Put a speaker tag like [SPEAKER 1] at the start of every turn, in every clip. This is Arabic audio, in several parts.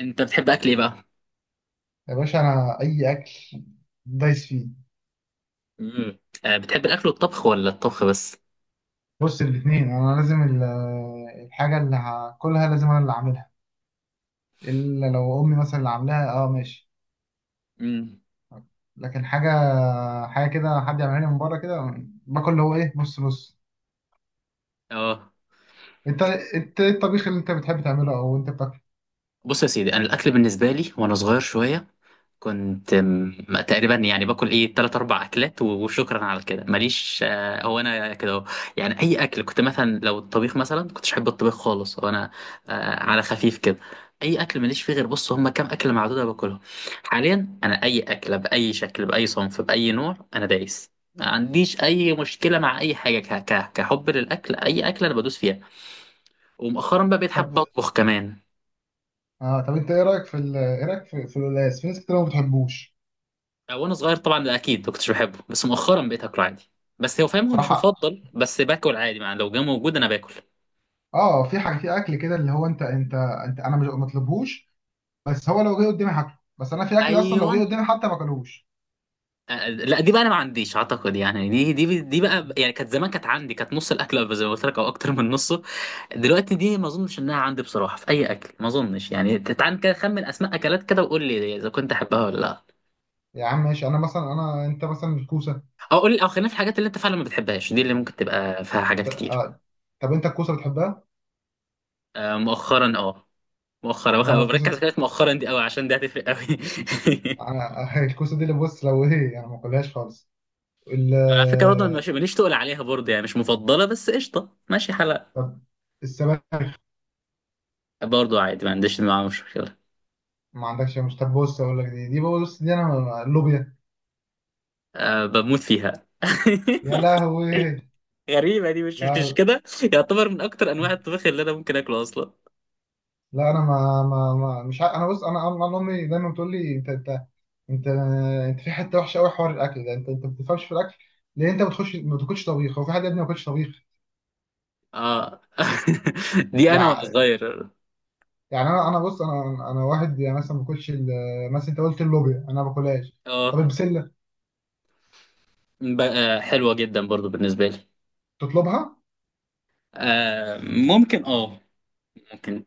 [SPEAKER 1] انت بتحب اكل ايه بقى؟
[SPEAKER 2] يا باشا، انا اي اكل دايس فيه.
[SPEAKER 1] امم. آه، بتحب الاكل والطبخ ولا الطبخ بس؟
[SPEAKER 2] بص الاثنين، انا لازم الحاجه اللي هاكلها لازم انا اللي اعملها، الا لو امي مثلا اللي عاملاها اه ماشي.
[SPEAKER 1] امم.
[SPEAKER 2] لكن حاجه كده حد يعملها لي من بره كده، باكل اللي هو ايه نص نص.
[SPEAKER 1] اه.
[SPEAKER 2] انت انت ايه الطبيخ اللي انت بتحب تعمله او انت بتاكل؟
[SPEAKER 1] بص يا سيدي، انا الاكل بالنسبه لي وانا صغير شويه، تقريبا يعني باكل ايه تلات اربع اكلات وشكرا على كده ماليش هو انا كده أهو. يعني اي اكل، كنت مثلا لو الطبيخ مثلا كنتش احب الطبيخ خالص، هو انا آه، على خفيف كده. اي اكل ماليش فيه، غير بص، هما كام اكله معدوده باكلهم. حاليا انا اي اكله باي شكل، باي صنف، باي نوع، انا دايس، ما عنديش اي مشكله مع اي حاجه كحب للاكل، اي اكله انا بدوس فيها. ومؤخرا بقى بقيت
[SPEAKER 2] طب
[SPEAKER 1] حابب اطبخ كمان.
[SPEAKER 2] اه طب انت ايه رايك في ايه رايك في القلقاس؟ في ناس كتير ما بتحبوش.
[SPEAKER 1] وانا صغير طبعا ده اكيد ما كنتش بحبه، بس مؤخرا بقيت اكله عادي. بس هو فاهم هو مش
[SPEAKER 2] صراحه،
[SPEAKER 1] مفضل، بس باكل عادي، يعني لو جه موجود انا باكل.
[SPEAKER 2] اه في حاجه في اكل كده اللي هو، انت انا مش مطلبهوش، بس هو لو جه قدامي هاكله. بس انا في اكل اصلا لو جه
[SPEAKER 1] ايوه.
[SPEAKER 2] قدامي حتى ما اكلوش.
[SPEAKER 1] لا دي بقى انا ما عنديش اعتقد يعني، دي بقى يعني كانت زمان، كانت عندي، كانت نص الاكل زي ما قلت لك او اكتر من نصه. دلوقتي دي ما اظنش انها عندي بصراحه، في اي اكل ما اظنش. يعني تعال كده خمن اسماء اكلات كده وقول لي اذا كنت احبها ولا لا.
[SPEAKER 2] يا عم ماشي، انا انت مثلا الكوسه.
[SPEAKER 1] او قول لي، او خلينا في الحاجات اللي انت فعلا ما بتحبهاش، دي اللي ممكن تبقى فيها حاجات كتير.
[SPEAKER 2] ط- طب انت الكوسه بتحبها؟
[SPEAKER 1] آه، مؤخرا مؤخرا.
[SPEAKER 2] انا
[SPEAKER 1] بركز على
[SPEAKER 2] الكوسه،
[SPEAKER 1] كلمة مؤخرا دي قوي عشان دي هتفرق قوي.
[SPEAKER 2] انا الكوسه دي اللي بص لو ايه يعني ما باكلهاش خالص. ال
[SPEAKER 1] على فكرة برضه أنا مش، ماليش تقول عليها برضه، يعني مش مفضلة، بس قشطة ماشي حلقة.
[SPEAKER 2] طب السبانخ.
[SPEAKER 1] برضه عادي، ما عنديش معاها مشكلة.
[SPEAKER 2] ما عندكش؟ مش طب، بص اقول لك، دي، بص دي انا اللوبيا.
[SPEAKER 1] أه، بموت فيها.
[SPEAKER 2] يا لهوي.
[SPEAKER 1] غريبة دي، مش
[SPEAKER 2] لا،
[SPEAKER 1] كده. يعتبر من أكتر أنواع الطبخ اللي أنا ممكن أكله أصلا.
[SPEAKER 2] لا انا ما مش ع... انا بص، انا امي دايما بتقول لي، انت انت انت في حته وحشه قوي حوار الاكل ده، انت ما بتفهمش في الاكل. ليه انت ما بتخش، ما بتاكلش طبيخ؟ هو في حد يا ابني ما بياكلش طبيخ؟
[SPEAKER 1] اه. دي أنا وأنا
[SPEAKER 2] يعني
[SPEAKER 1] صغير.
[SPEAKER 2] يعني انا بص، انا واحد يعني مثلا ما باكلش مثلا انت قلت اللوبيا انا ما باكلهاش.
[SPEAKER 1] اه،
[SPEAKER 2] طب البسله
[SPEAKER 1] حلوة جدا برضه بالنسبة لي.
[SPEAKER 2] تطلبها؟
[SPEAKER 1] آه، ممكن، ممكن.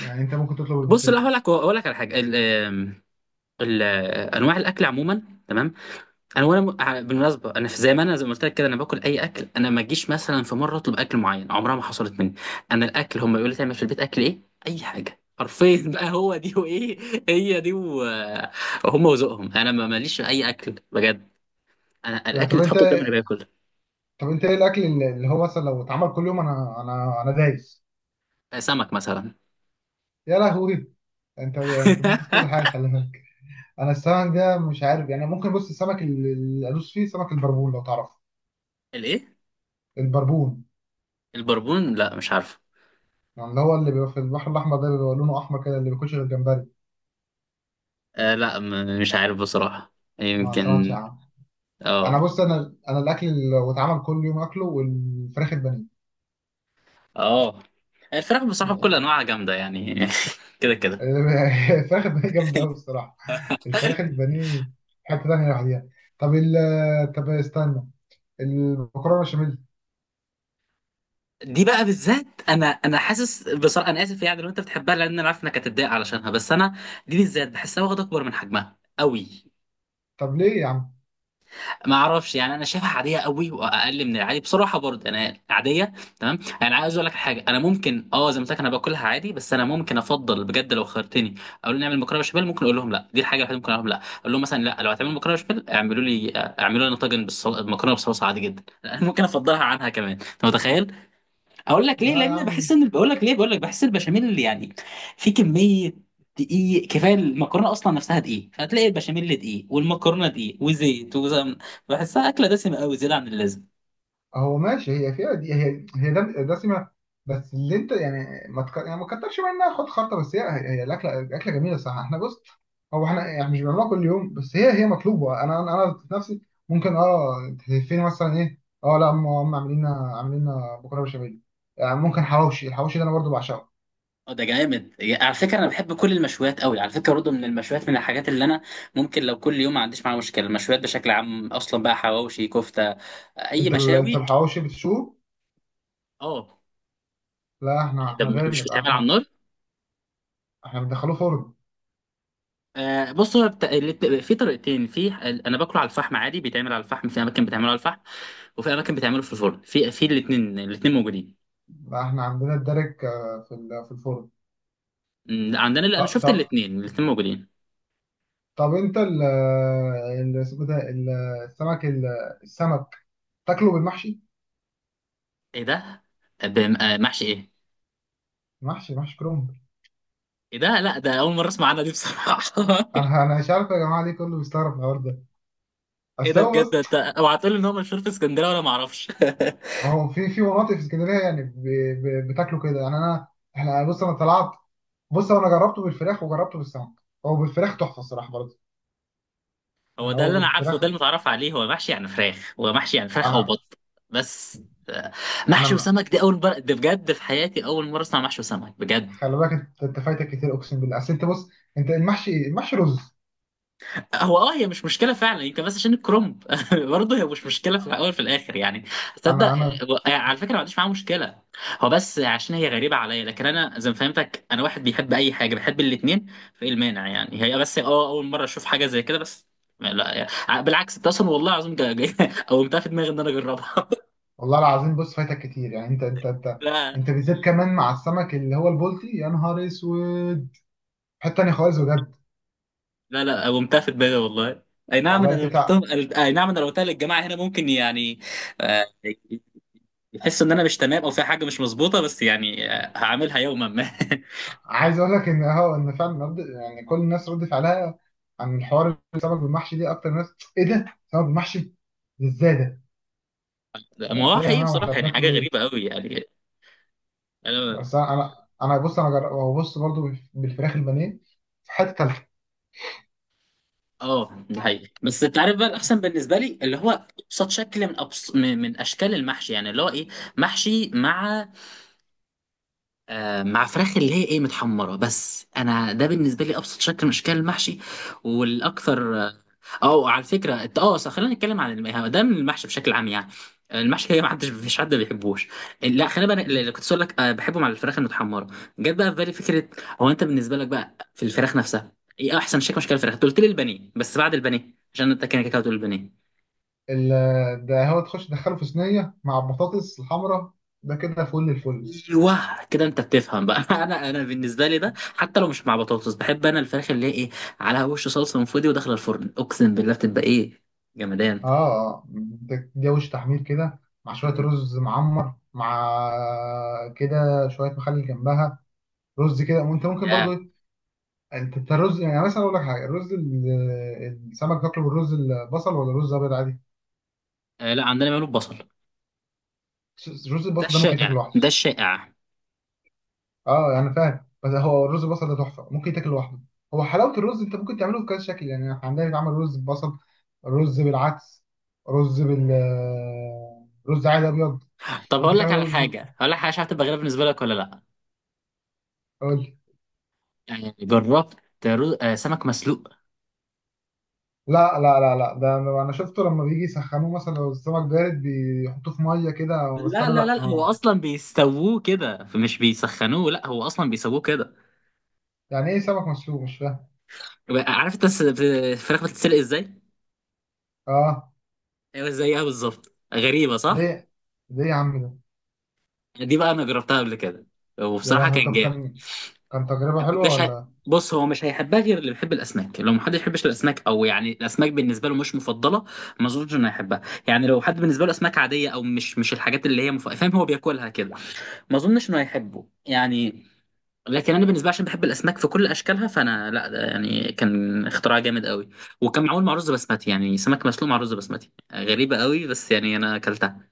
[SPEAKER 2] يعني انت ممكن تطلب
[SPEAKER 1] بص لا،
[SPEAKER 2] البسله.
[SPEAKER 1] هقول لك على حاجة، أنواع الأكل عموما. تمام. انا وانا بالمناسبه، انا زي ما انا زي ما قلت لك كده، انا باكل اي اكل. انا ما اجيش مثلا في مره اطلب اكل معين، عمرها ما حصلت مني. انا الاكل هم يقولوا لي تعمل في البيت اكل ايه. اي حاجه حرفيا. بقى هو دي وايه، هي دي وهم وذوقهم. انا ما ماليش في اي اكل بجد. انا
[SPEAKER 2] ط-
[SPEAKER 1] الاكل
[SPEAKER 2] طب
[SPEAKER 1] اللي
[SPEAKER 2] انت
[SPEAKER 1] اتحط قدامي انا باكل.
[SPEAKER 2] طب انت ايه الاكل اللي هو مثلا لو اتعمل كل يوم، انا دايس.
[SPEAKER 1] آه، سمك مثلا.
[SPEAKER 2] يا لهوي، انت ضد في كل حاجه، خلي بالك. انا السمك ده مش عارف، يعني ممكن بص السمك اللي ادوس فيه سمك البربون، لو تعرف
[SPEAKER 1] الايه؟
[SPEAKER 2] البربون.
[SPEAKER 1] البربون؟ لا مش عارف.
[SPEAKER 2] يعني اللي هو اللي بيبقى في البحر الاحمر ده، بيبقى لونه احمر كده، اللي بياكلش غير جمبري.
[SPEAKER 1] آه لا، مش عارف بصراحه.
[SPEAKER 2] ما سمعتش
[SPEAKER 1] يمكن.
[SPEAKER 2] عنه؟ انا
[SPEAKER 1] اه.
[SPEAKER 2] بص، انا الاكل اللي لو اتعمل كل يوم اكله، والفراخ البانيه.
[SPEAKER 1] اه، الفراخ بصراحه بكل
[SPEAKER 2] يعني
[SPEAKER 1] انواعها جامده يعني. كده كده.
[SPEAKER 2] الفراخ البانيه جامدة أوي الصراحة. الفراخ البانيه حتة تانية لوحديها. طب ال طب استنى، المكرونة بشاميل.
[SPEAKER 1] دي بقى بالذات، انا حاسس بصراحه، انا اسف يعني لو انت بتحبها، لان انا عارف انك هتتضايق علشانها، بس انا دي بالذات بحسها واخده اكبر من حجمها قوي.
[SPEAKER 2] طب ليه يا عم؟
[SPEAKER 1] ما اعرفش يعني، انا شايفها عاديه قوي، واقل من العادي بصراحه، برضه انا عاديه. تمام، يعني عايز اقول لك حاجه، انا ممكن، زي ما قلت لك، انا باكلها عادي، بس انا ممكن افضل بجد لو خيرتني، اقول لهم نعمل مكرونه بشاميل. ممكن اقول لهم لا، دي الحاجه الوحيده ممكن اقول لهم لا، اقول لهم مثلا لا، لو هتعملوا مكرونه بشاميل اعملوا لي، اعملوا لنا طاجن مكرونه بصلصه عادي جدا. ممكن افضلها عنها كمان، انت متخيل؟ اقول لك ليه،
[SPEAKER 2] لا يا
[SPEAKER 1] لان بحس
[SPEAKER 2] عم،
[SPEAKER 1] ان، بقول لك بحس البشاميل اللي يعني في كميه دقيق كفايه. المكرونه اصلا نفسها دقيق، فتلاقي البشاميل دقيق والمكرونه دقيق وزيت وسمن. بحسها اكله دسمه قوي، زياده عن اللازم.
[SPEAKER 2] هو ماشي هي فيها دي، دسمة. بس اللي انت يعني ما تك... يعني ما تكترش منها، خد خطة. بس هي الأكلة جميلة الصراحة. احنا بص، هو احنا يعني مش بنعملها كل يوم، بس هي مطلوبة. أنا في نفسي ممكن تهفني مثلا، إيه، اه لا، هم عاملين لنا بكرة بشاميل. يعني ممكن حواوشي، الحواوشي ده أنا برضو بعشقه.
[SPEAKER 1] اه ده جامد، على فكره انا بحب كل المشويات قوي. على فكره برضه من المشويات، من الحاجات اللي انا ممكن لو كل يوم ما عنديش معاها مشكله، المشويات بشكل عام اصلا، بقى حواوشي، كفته، اي
[SPEAKER 2] انت
[SPEAKER 1] مشاوي.
[SPEAKER 2] الحواوشي بتشوه؟
[SPEAKER 1] اه،
[SPEAKER 2] لا، احنا
[SPEAKER 1] ده
[SPEAKER 2] احنا
[SPEAKER 1] مش
[SPEAKER 2] غير،
[SPEAKER 1] بتعمل على
[SPEAKER 2] احنا
[SPEAKER 1] النار؟
[SPEAKER 2] احنا بندخله فرن.
[SPEAKER 1] آه، بص هو في طريقتين. في انا باكله على الفحم عادي، بيتعمل على الفحم في اماكن، بتعمله على الفحم، وفي اماكن بتعمله في الفرن، في الاثنين، الاثنين موجودين.
[SPEAKER 2] لا احنا عندنا الدرك، في في الفرن.
[SPEAKER 1] أمم، عندنا اللي انا
[SPEAKER 2] ط-
[SPEAKER 1] شفت
[SPEAKER 2] ط-
[SPEAKER 1] الاثنين، الاثنين موجودين.
[SPEAKER 2] طب انت ال ال- اسمه ده، السمك، السمك تاكله بالمحشي.
[SPEAKER 1] ايه ده؟ آه، محشي ايه؟
[SPEAKER 2] محشي كرنب.
[SPEAKER 1] ايه ده؟ لا، ده اول مره اسمع عنها دي بصراحه.
[SPEAKER 2] انا مش عارف يا جماعه ليه كله بيستغرب الحوار ده.
[SPEAKER 1] ايه
[SPEAKER 2] اصل
[SPEAKER 1] ده؟
[SPEAKER 2] هو
[SPEAKER 1] بجد؟
[SPEAKER 2] بص،
[SPEAKER 1] انت اوعى تقول لي ان هو مشهور في اسكندريه وانا ما اعرفش.
[SPEAKER 2] هو في مناطق في اسكندريه يعني بتاكله كده. يعني انا، احنا بص، انا طلعت، بص انا جربته بالفراخ وجربته بالسمك. هو بالفراخ تحفه الصراحه برضه.
[SPEAKER 1] هو
[SPEAKER 2] يعني
[SPEAKER 1] ده
[SPEAKER 2] هو
[SPEAKER 1] اللي انا عارفه،
[SPEAKER 2] بالفراخ،
[SPEAKER 1] وده المتعرف عليه، هو محشي يعني فراخ، هو محشي يعني فراخ او
[SPEAKER 2] انا
[SPEAKER 1] بط. بس. آه،
[SPEAKER 2] انا
[SPEAKER 1] محشي
[SPEAKER 2] م-
[SPEAKER 1] وسمك دي اول مره، ده بجد في حياتي اول مره اسمع محشي وسمك بجد.
[SPEAKER 2] خلي بالك، انت فايتك كتير، اقسم بالله. اصل انت بص، انت المحشي رز.
[SPEAKER 1] هو اه، هي مش مشكله فعلا يمكن، بس عشان الكرومب. برضه هي مش مشكله، في الاول في الاخر يعني،
[SPEAKER 2] انا
[SPEAKER 1] تصدق يعني
[SPEAKER 2] انا
[SPEAKER 1] على فكره ما عنديش معاها مشكله. هو بس عشان هي غريبه عليا، لكن انا زي ما فهمتك انا واحد بيحب اي حاجه، بحب الاثنين، فايه المانع يعني؟ هي بس اول مره اشوف حاجه زي كده بس. لا، يعني بالعكس ده اصلا، والله العظيم قومتها في دماغي ان انا اجربها.
[SPEAKER 2] والله العظيم، بص فايتك كتير، يعني انت انت انت
[SPEAKER 1] لا،
[SPEAKER 2] انت بالذات كمان مع السمك اللي هو البلطي، يا نهار اسود. حته تانية خالص بجد.
[SPEAKER 1] لا، لا، قومتها في دماغي والله. اي نعم
[SPEAKER 2] والله
[SPEAKER 1] انا لو قلتهم، اي نعم انا لو قلتها للجماعه هنا، ممكن يعني، آه، بحس ان انا مش تمام، او في حاجه مش مظبوطه، بس يعني آه، هعملها يوما ما.
[SPEAKER 2] عايز اقول لك ان هو ان فعلا رد، يعني كل الناس رد فعلها عن الحوار السمك بالمحشي دي، اكتر ناس ايه ده سمك بالمحشي؟ ازاي ده؟
[SPEAKER 1] ما
[SPEAKER 2] يعني في
[SPEAKER 1] هو
[SPEAKER 2] يا
[SPEAKER 1] حقيقي
[SPEAKER 2] جماعه واحنا
[SPEAKER 1] بصراحه، يعني حاجه
[SPEAKER 2] بناكله ايه؟
[SPEAKER 1] غريبه قوي يعني. انا
[SPEAKER 2] بس انا بص، وبص برضو بالفراخ البانيه في حته تالته.
[SPEAKER 1] اه، ده حقيقي، بس انت عارف بقى الاحسن بالنسبه لي اللي هو ابسط شكل من من اشكال المحشي، يعني اللي هو ايه، محشي مع، مع فراخ اللي هي ايه، متحمره. بس انا ده بالنسبه لي ابسط شكل من اشكال المحشي، والاكثر أو، على فكره صح، خلينا نتكلم عن الم- ده من المحشي بشكل عام يعني. المحشي هي، ما حدش مفيش حد ما بيحبوش. لا، خلينا بقى اللي كنت اقول لك، آه، بحبه مع الفراخ المتحمره. جت بقى في بالي فكره، هو انت بالنسبه لك بقى في الفراخ نفسها، ايه احسن شكل من اشكال الفراخ؟ أنت قلت لي البانيه، بس بعد البانيه، عشان انت كده كده هتقول البانيه.
[SPEAKER 2] ده هو تخش تدخله في صينيه مع البطاطس الحمراء، ده كده فل الفل.
[SPEAKER 1] ايوه كده، انت بتفهم بقى. انا، بالنسبه لي ده حتى لو مش مع بطاطس، بحب انا الفراخ اللي هي ايه، على وش صلصه من فودي وداخله الفرن، اقسم بالله بتبقى ايه، جمدان.
[SPEAKER 2] اه ده جوش تحمير كده، مع شوية
[SPEAKER 1] مم.
[SPEAKER 2] رز معمر، مع كده شوية مخلل جنبها، رز كده. وانت ممكن برضو
[SPEAKER 1] يا
[SPEAKER 2] ايه، انت الرز، يعني مثلا اقول لك حاجة، الرز السمك تاكله بالرز البصل ولا رز ابيض عادي؟
[SPEAKER 1] آه، لا عندنا بيعملوا ببصل،
[SPEAKER 2] رز
[SPEAKER 1] ده
[SPEAKER 2] البصل ده ممكن تاكله
[SPEAKER 1] الشائع،
[SPEAKER 2] لوحده.
[SPEAKER 1] ده الشائع.
[SPEAKER 2] اه يعني فاهم، بس هو الرز البصل ده تحفة ممكن تاكله لوحده. هو حلاوة الرز انت ممكن تعمله بكذا شكل، يعني احنا عندنا بيتعمل رز ببصل، رز بالعدس، رز بال رز عادي ابيض.
[SPEAKER 1] طب
[SPEAKER 2] ممكن
[SPEAKER 1] هقول لك على
[SPEAKER 2] تعمل
[SPEAKER 1] حاجه، هقول لك حاجه مش عارف تبقى غريبه بالنسبه لك ولا لا،
[SPEAKER 2] رز.
[SPEAKER 1] يعني جربت آه، سمك مسلوق؟
[SPEAKER 2] لا، لا، لا، لا، ده انا شفته لما بيجي يسخنوه، مثلا لو السمك بارد بيحطوه في ميه كده. بس
[SPEAKER 1] لا،
[SPEAKER 2] انا
[SPEAKER 1] لا،
[SPEAKER 2] لا،
[SPEAKER 1] لا، لا، هو اصلا بيستووه كده فمش بيسخنوه، لا هو اصلا بيسووه كده.
[SPEAKER 2] يعني ايه سمك مسلوق؟ مش فاهم.
[SPEAKER 1] عارف انت الفراخ بتتسلق ازاي؟
[SPEAKER 2] اه،
[SPEAKER 1] ايوه، زيها بالظبط، غريبه صح؟
[SPEAKER 2] ليه؟ ليه يا عم ده؟
[SPEAKER 1] دي بقى انا جربتها قبل كده،
[SPEAKER 2] يا
[SPEAKER 1] وبصراحه
[SPEAKER 2] لهوي.
[SPEAKER 1] كان
[SPEAKER 2] طب
[SPEAKER 1] جامد.
[SPEAKER 2] كان تجربه حلوه
[SPEAKER 1] مش ه...
[SPEAKER 2] ولا؟
[SPEAKER 1] بص هو مش هيحبها غير اللي بيحب الاسماك، لو محدش يحبش الاسماك، او يعني الاسماك بالنسبه له مش مفضله، ما اظنش انه هيحبها. يعني لو حد بالنسبه له اسماك عاديه، او مش الحاجات اللي هي فاهم، هو بياكلها كده، ما اظنش انه هيحبه يعني. لكن انا بالنسبه لي، عشان بحب الاسماك في كل اشكالها، فانا لا، ده يعني كان اختراع جامد قوي. وكان معمول مع رز بسمتي، يعني سمك مسلوق مع رز بسمتي غريبه قوي، بس يعني انا اكلتها.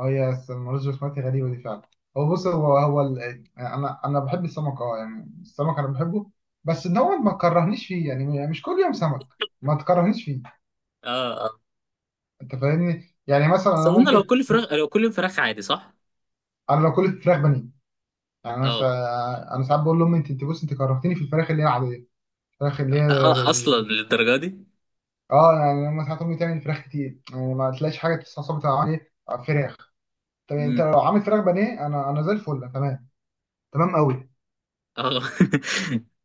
[SPEAKER 2] اه، المرز البسمتي غريبه دي فعلا. هو بص، يعني انا بحب السمك. اه، يعني السمك انا بحبه، بس ان هو ما تكرهنيش فيه، يعني مش كل يوم سمك، ما تكرهنيش فيه.
[SPEAKER 1] اه، اه.
[SPEAKER 2] انت فاهمني، يعني مثلا
[SPEAKER 1] بس
[SPEAKER 2] انا
[SPEAKER 1] اظن
[SPEAKER 2] ممكن،
[SPEAKER 1] لو كل فراخ عادي صح.
[SPEAKER 2] انا لو كلت فراخ بانيه، يعني
[SPEAKER 1] اه.
[SPEAKER 2] انا ساعات بقول لامي، انت بص انت كرهتني في الفراخ اللي هي العاديه، الفراخ اللي هي
[SPEAKER 1] أ- اصلا للدرجه دي؟
[SPEAKER 2] اه، يعني لما ساعات امي تعمل فراخ كتير يعني ما تلاقيش حاجه تستعصب عليه فراخ. طب يعني انت
[SPEAKER 1] امم.
[SPEAKER 2] لو عامل فراخ بانيه، انا زي الفل تمام، تمام قوي.
[SPEAKER 1] اه.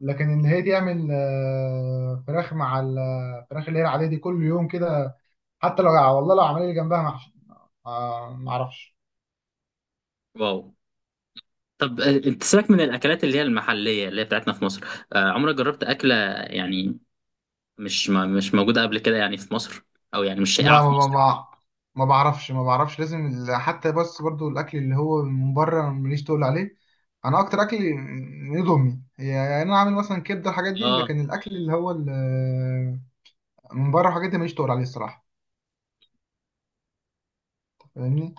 [SPEAKER 2] لكن ان هي تعمل فراخ مع الفراخ اللي هي العاديه دي كل يوم كده، حتى لو، والله لو عمل لي جنبها محشي، ما اعرفش.
[SPEAKER 1] واو. طب آه، انت سيبك من الاكلات اللي هي المحليه اللي هي بتاعتنا في مصر، آه، عمرك جربت اكله يعني مش ما مش موجوده قبل كده يعني في مصر، او يعني مش شائعه
[SPEAKER 2] لا
[SPEAKER 1] في مصر؟
[SPEAKER 2] ما بعرفش، ما بعرفش، لازم حتى، بس برضو الاكل اللي هو من بره ماليش تقول عليه. انا اكتر اكل من ايد امي هي، يعني انا عامل مثلا كبده، الحاجات دي.
[SPEAKER 1] اه،
[SPEAKER 2] لكن الاكل اللي هو من بره، الحاجات دي ماليش تقول عليه الصراحه. فاهمني؟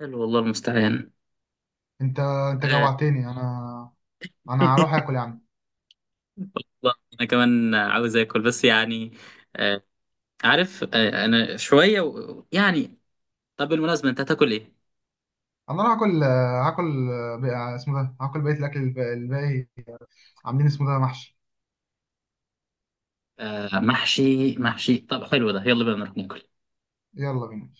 [SPEAKER 1] حلو، والله المستعان.
[SPEAKER 2] انت انت
[SPEAKER 1] آه،
[SPEAKER 2] جوعتني انا هروح اكل يعني.
[SPEAKER 1] والله انا كمان عاوز اكل بس يعني، آه، عارف، آه، انا شويه يعني. طب بالمناسبه انت هتاكل ايه؟
[SPEAKER 2] انا هروح اكل، هاكل اسمه ده، هاكل بقيه الاكل الباقي. عاملين اسمه ده محشي.
[SPEAKER 1] آه، محشي، محشي؟ طب حلو ده، يلا بينا نروح ناكل.
[SPEAKER 2] يلا بينا.